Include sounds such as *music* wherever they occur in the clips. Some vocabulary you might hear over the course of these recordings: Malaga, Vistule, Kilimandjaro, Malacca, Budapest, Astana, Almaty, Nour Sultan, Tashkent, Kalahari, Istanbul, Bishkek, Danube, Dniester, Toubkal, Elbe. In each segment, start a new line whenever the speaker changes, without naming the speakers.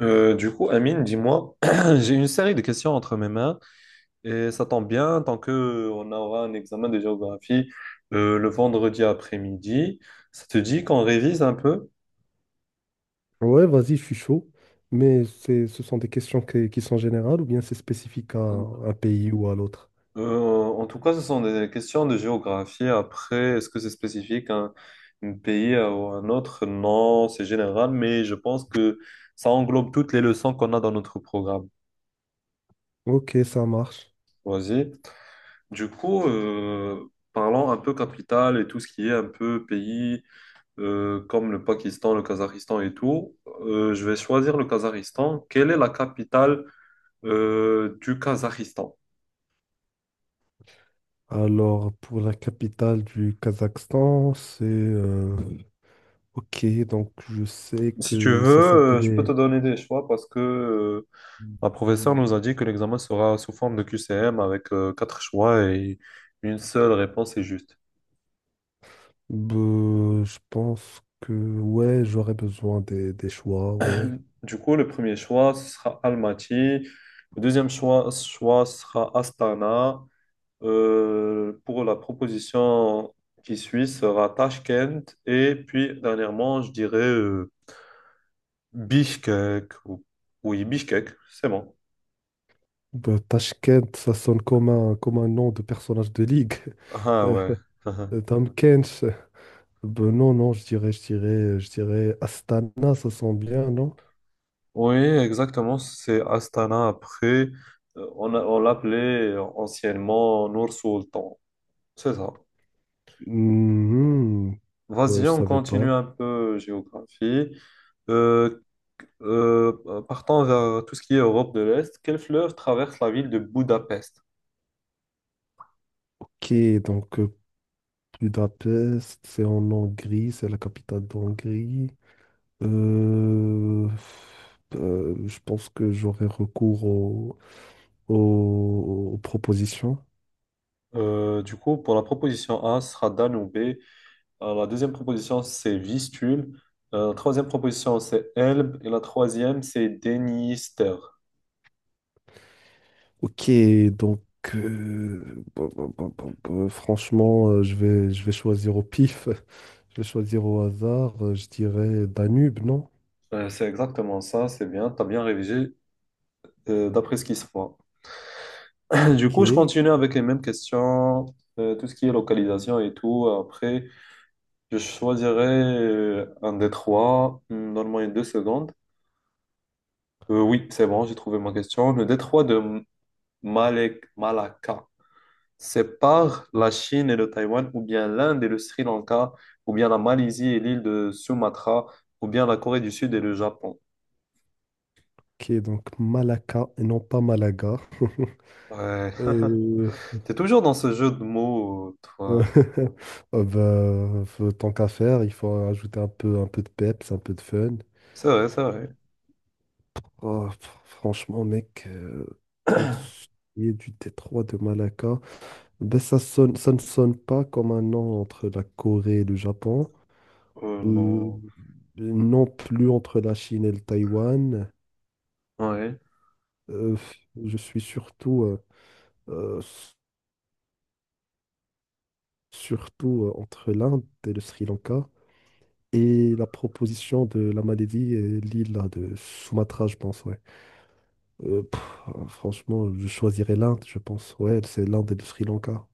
Du coup, Amine, dis-moi, *clears throat* j'ai une série de questions entre mes mains et ça tombe bien tant que on aura un examen de géographie le vendredi après-midi. Ça te dit qu'on révise un peu?
Ouais, vas-y, je suis chaud. Mais ce sont des questions qui sont générales ou bien c'est spécifique à
Euh,
un pays ou à l'autre?
en tout cas, ce sont des questions de géographie. Après, est-ce que c'est spécifique à un pays ou à un autre? Non, c'est général, mais je pense que ça englobe toutes les leçons qu'on a dans notre programme.
Ok, ça marche.
Vas-y. Du coup, parlons un peu capitale et tout ce qui est un peu pays comme le Pakistan, le Kazakhstan et tout, je vais choisir le Kazakhstan. Quelle est la capitale du Kazakhstan?
Alors, pour la capitale du Kazakhstan, ok, donc je sais
Si tu
que ça
veux, je peux
s'appelait...
te donner des choix parce que ma professeure nous a dit que l'examen sera sous forme de QCM avec quatre choix et une seule réponse est juste.
Bah, je pense que... Ouais, j'aurais besoin des choix, ouais.
Du coup, le premier choix, ce sera Almaty. Le deuxième choix sera Astana. Pour la proposition qui suit sera Tashkent et puis dernièrement, je dirais Bishkek. Oui, Bishkek, c'est bon.
Bah, Tashkent, ça sonne comme comme un nom de personnage de ligue.
Ah ouais. *laughs*
*laughs* Tamkench, bah, non, je dirais Astana, ça sent bien, non?
Oui, exactement, c'est Astana après. On l'appelait anciennement Nour Sultan. C'est ça.
Mhm. Bah,
Vas-y,
je
on
savais pas.
continue un peu géographie. Euh, Partons vers tout ce qui est Europe de l'Est. Quelle fleuve traverse la ville de Budapest?
Ok, donc euh, Budapest, c'est en Hongrie, c'est la capitale d'Hongrie. Euh, je pense que j'aurai recours aux propositions.
Du coup, pour la proposition A, ce sera Danube. Alors, la deuxième proposition, c'est Vistule. La troisième proposition, c'est Elbe. Et la troisième, c'est Dniester.
Ok, donc franchement, je vais choisir au pif. *laughs* Je vais choisir au hasard. Je dirais Danube, non?
C'est exactement ça, c'est bien. Tu as bien révisé d'après ce qui se voit. *coughs* *clears throat* Du coup, je
Ok,
continue avec les mêmes questions, tout ce qui est localisation et tout. Après, je choisirai un détroit. Hmm, donne-moi une deux secondes. Oui, c'est bon, j'ai trouvé ma question. Le détroit de Malacca sépare la Chine et le Taïwan, ou bien l'Inde et le Sri Lanka, ou bien la Malaisie et l'île de Sumatra, ou bien la Corée du Sud et le Japon.
ok, donc Malacca et non pas Malaga. *laughs*
Ouais. *laughs*
Euh,
T'es toujours dans ce jeu de mots,
euh,
toi.
*laughs* bah, tant qu'à faire, il faut ajouter un peu de peps, un peu de fun.
C'est vrai, c'est vrai.
Oh, franchement, mec, pour ce qui est du détroit de Malacca, ben ça ne sonne pas comme un nom entre la Corée et le Japon, euh,
Non.
non plus entre la Chine et le Taïwan.
Ouais.
Euh, je suis surtout, euh, s- surtout entre l'Inde et le Sri Lanka et la proposition de la Malaisie et l'île là, de Sumatra, je pense, ouais. Euh, pff, franchement, je choisirais l'Inde, je pense, ouais, c'est l'Inde et le Sri Lanka.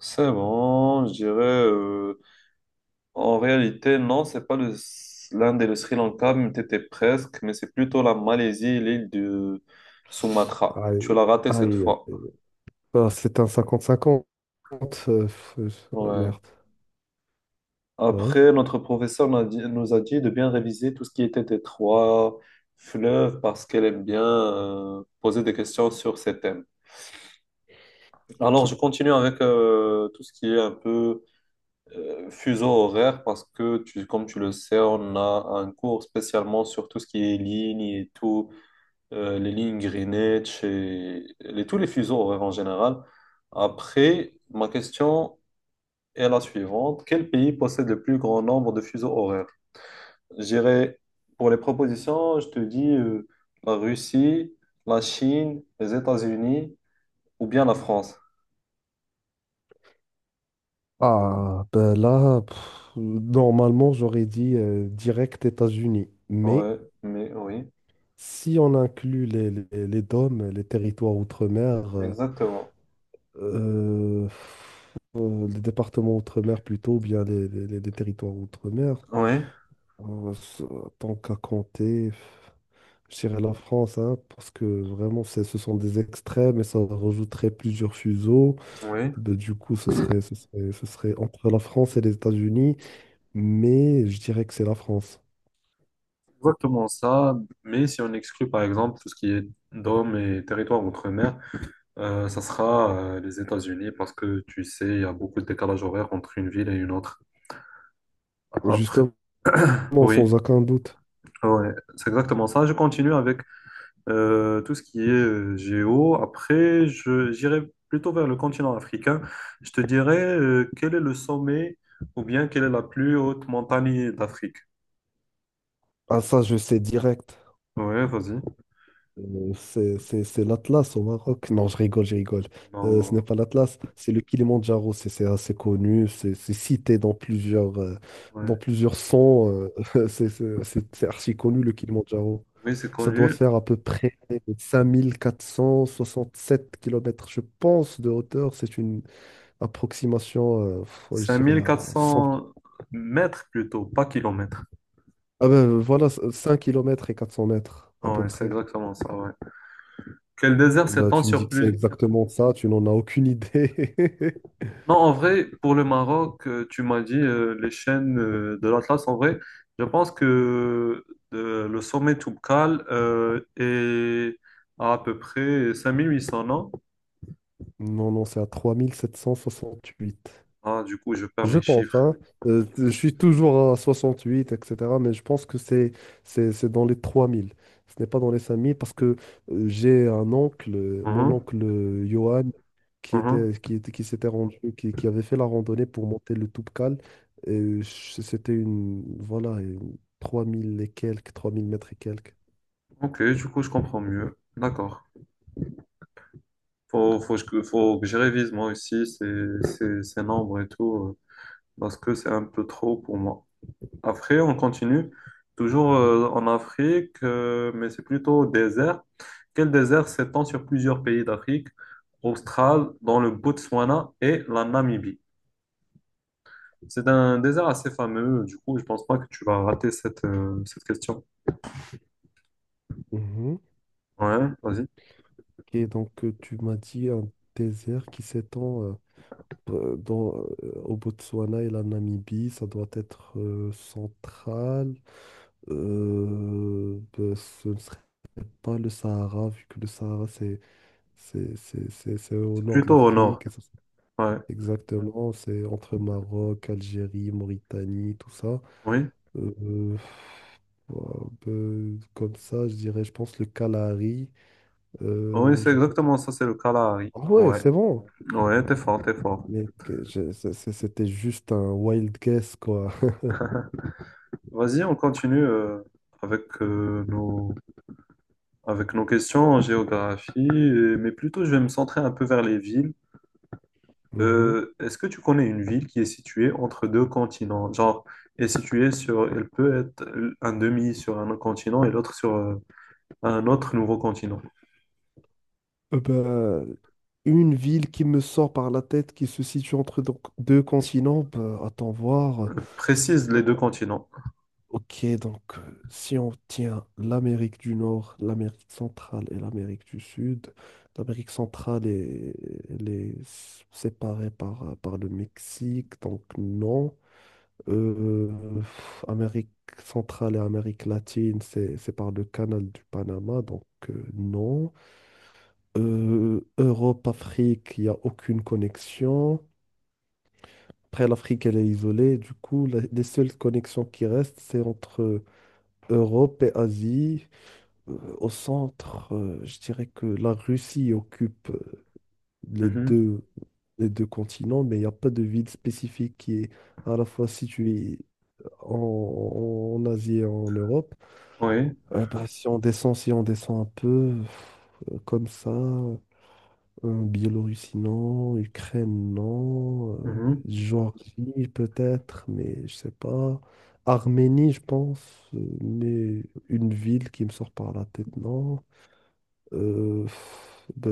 C'est bon, je dirais. En réalité, non, c'est pas le... l'Inde et le Sri Lanka, mais t'étais presque, mais c'est plutôt la Malaisie et l'île de Sumatra. Tu
Aïe,
l'as raté cette
aïe,
fois.
aïe. Ah, c'est un cinquante cinquante
Ouais.
merde. Ouais.
Après, notre professeur nous a dit de bien réviser tout ce qui était des trois fleuves parce qu'elle aime bien poser des questions sur ces thèmes.
Ok.
Alors, je continue avec tout ce qui est un peu fuseau horaire parce que, comme tu le sais, on a un cours spécialement sur tout ce qui est lignes et tout, les lignes Greenwich et tous les fuseaux horaires en général. Après, ma question est la suivante. Quel pays possède le plus grand nombre de fuseaux horaires? J'irai pour les propositions, je te dis la Russie, la Chine, les États-Unis ou bien la France.
Ah, ben là, pff, normalement, j'aurais dit direct États-Unis. Mais
Ouais, mais oui,
si on inclut les DOM, les territoires outre-mer,
exactement.
les départements outre-mer plutôt, ou bien les territoires outre-mer,
Oui,
ça- tant qu'à compter. Je dirais la France, hein, parce que vraiment, ce sont des extrêmes et ça rajouterait plusieurs fuseaux.
oui,
Ben, du coup, ce serait entre la France et les États-Unis, mais je dirais que c'est la France.
exactement ça. Mais si on exclut par exemple tout ce qui est dôme et territoire outre-mer, ça sera les États-Unis parce que tu sais, il y a beaucoup de décalage horaire entre une ville et une autre. Après,
Justement,
oui,
sans aucun doute.
ouais, c'est exactement ça. Je continue avec tout ce qui est géo. Après, j'irai plutôt vers le continent africain. Je te dirais quel est le sommet ou bien quelle est la plus haute montagne d'Afrique.
Ah, ça, je sais direct.
Ouais, vas-y.
C'est l'Atlas au Maroc. Non, je rigole. Ce n'est
Non,
pas l'Atlas, c'est le Kilimandjaro. C'est assez connu, c'est cité
ouais.
dans plusieurs sons. *laughs* C'est archi connu, le Kilimandjaro.
Oui, c'est
Ça doit
connu.
faire à peu près 5 467 kilomètres je pense, de hauteur. C'est une approximation, je
cinq
dirais,
mille quatre
à 100.
cents mètres plutôt, pas kilomètres.
Ah ben, voilà, 5 kilomètres et 400 mètres, à peu
Ouais, c'est
près.
exactement ça, ouais. Quel désert
Bah,
s'étend
tu me
sur
dis que c'est
plus...
exactement ça, tu n'en as aucune idée. *laughs*
Non, en vrai, pour le Maroc, tu m'as dit les chaînes de l'Atlas. En vrai, je pense que le sommet Toubkal est à peu près 5 800 non?
Non, non, c'est à 3 768.
Ah, du coup, je perds
Je
mes
pense,
chiffres.
hein. Je suis toujours à 68, etc. Mais je pense que c'est dans les 3 000. Ce n'est pas dans les 5 000 parce que j'ai un oncle, mon
Mhm,
oncle Johan,
mhm.
qui s'était rendu, qui avait fait la randonnée pour monter le Toubkal. Et c'était une, voilà, une 3 000 et quelques, 3 000 mètres et quelques.
Ok, du coup, je comprends mieux. D'accord. Faut que je révise moi aussi ces nombres et tout, parce que c'est un peu trop pour moi. Après, on continue toujours
Mhm.
en Afrique, mais c'est plutôt au désert. Quel désert s'étend sur plusieurs pays d'Afrique australe, dans le Botswana et la Namibie? C'est un désert assez fameux, du coup, je pense pas que tu vas rater cette, cette question.
Mhm.
Ouais, vas-y.
Tu m'as dit un désert qui s'étend euh, dans, au Botswana et la Namibie, ça doit être central. Ben, ce ne serait pas le Sahara, vu que le Sahara c'est au
C'est
nord de
plutôt au nord.
l'Afrique. Et ça,
Ouais,
exactement, c'est entre Maroc, Algérie, Mauritanie, tout ça.
oui.
Euh, euh, Ouah, ben, comme ça, je pense le Kalahari.
Oui,
euh,
c'est
je pense-
exactement ça, c'est le Kalahari.
Ah ouais,
Ouais,
c'est bon.
ouais, t'es fort, t'es fort.
Mais c'était juste un wild guess, quoi. *laughs*
*laughs* Vas-y, on continue avec nos Avec nos questions en géographie, mais plutôt je vais me centrer un peu vers les villes.
Mhm.
Est-ce que tu connais une ville qui est située entre deux continents? Genre, est située sur, elle peut être un demi sur un continent et l'autre sur un autre nouveau continent.
Euh, bah, *laughs* une ville qui me sort par la tête, qui se situe entre donc deux continents, bah, attends voir.
Précise les deux continents.
Si on tient l'Amérique du Nord, l'Amérique centrale et l'Amérique du Sud, l'Amérique centrale est, elle est séparée par, par le Mexique, donc non. Euh, Amérique centrale et Amérique latine, c'est par le canal du Panama, donc non. Europe, Afrique, il n'y a aucune connexion. Après, l'Afrique, elle est isolée. Du coup, les seules connexions qui restent, c'est entre Europe et Asie. Au centre, je dirais que la Russie occupe les
Mhm.
deux, les deux continents, mais il n'y a pas de ville spécifique qui est à la fois située en Asie et en Europe.
Oui.
Si on descend, si on descend un peu, euh, comme ça, euh, Biélorussie, non, Ukraine, non,
Mhm.
Géorgie peut-être, mais je sais pas. Arménie, je pense, mais une ville qui me sort par la tête, non. Euh, pff, bah,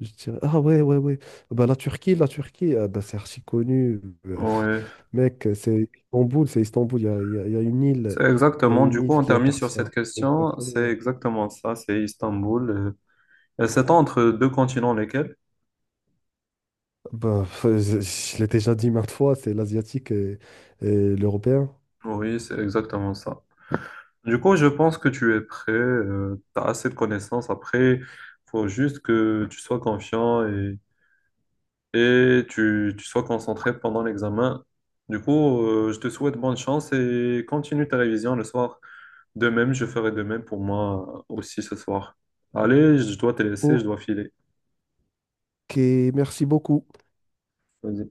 je dirais... Ah ouais, ouais, ouais. Bah, la Turquie, ah, bah, c'est archi connu. euh,
Oui.
*laughs* Mec, c'est Istanbul, il y a une île,
C'est
il y a
exactement,
une
du coup,
île
on
qui
termine sur
appartient.
cette question. C'est
Exactement.
exactement ça, c'est Istanbul. Euh, et c'est entre deux continents lesquels?
Bah, je l'ai déjà dit maintes fois, c'est l'asiatique et l'européen.
Oui, c'est exactement ça. Du coup, je pense que tu es prêt, tu as assez de connaissances. Après, faut juste que tu sois confiant et tu sois concentré pendant l'examen. Du coup, je te souhaite bonne chance et continue ta révision le soir. De même, je ferai de même pour moi aussi ce soir. Allez, je dois te laisser, je
Ok,
dois filer.
merci beaucoup.
Vas-y.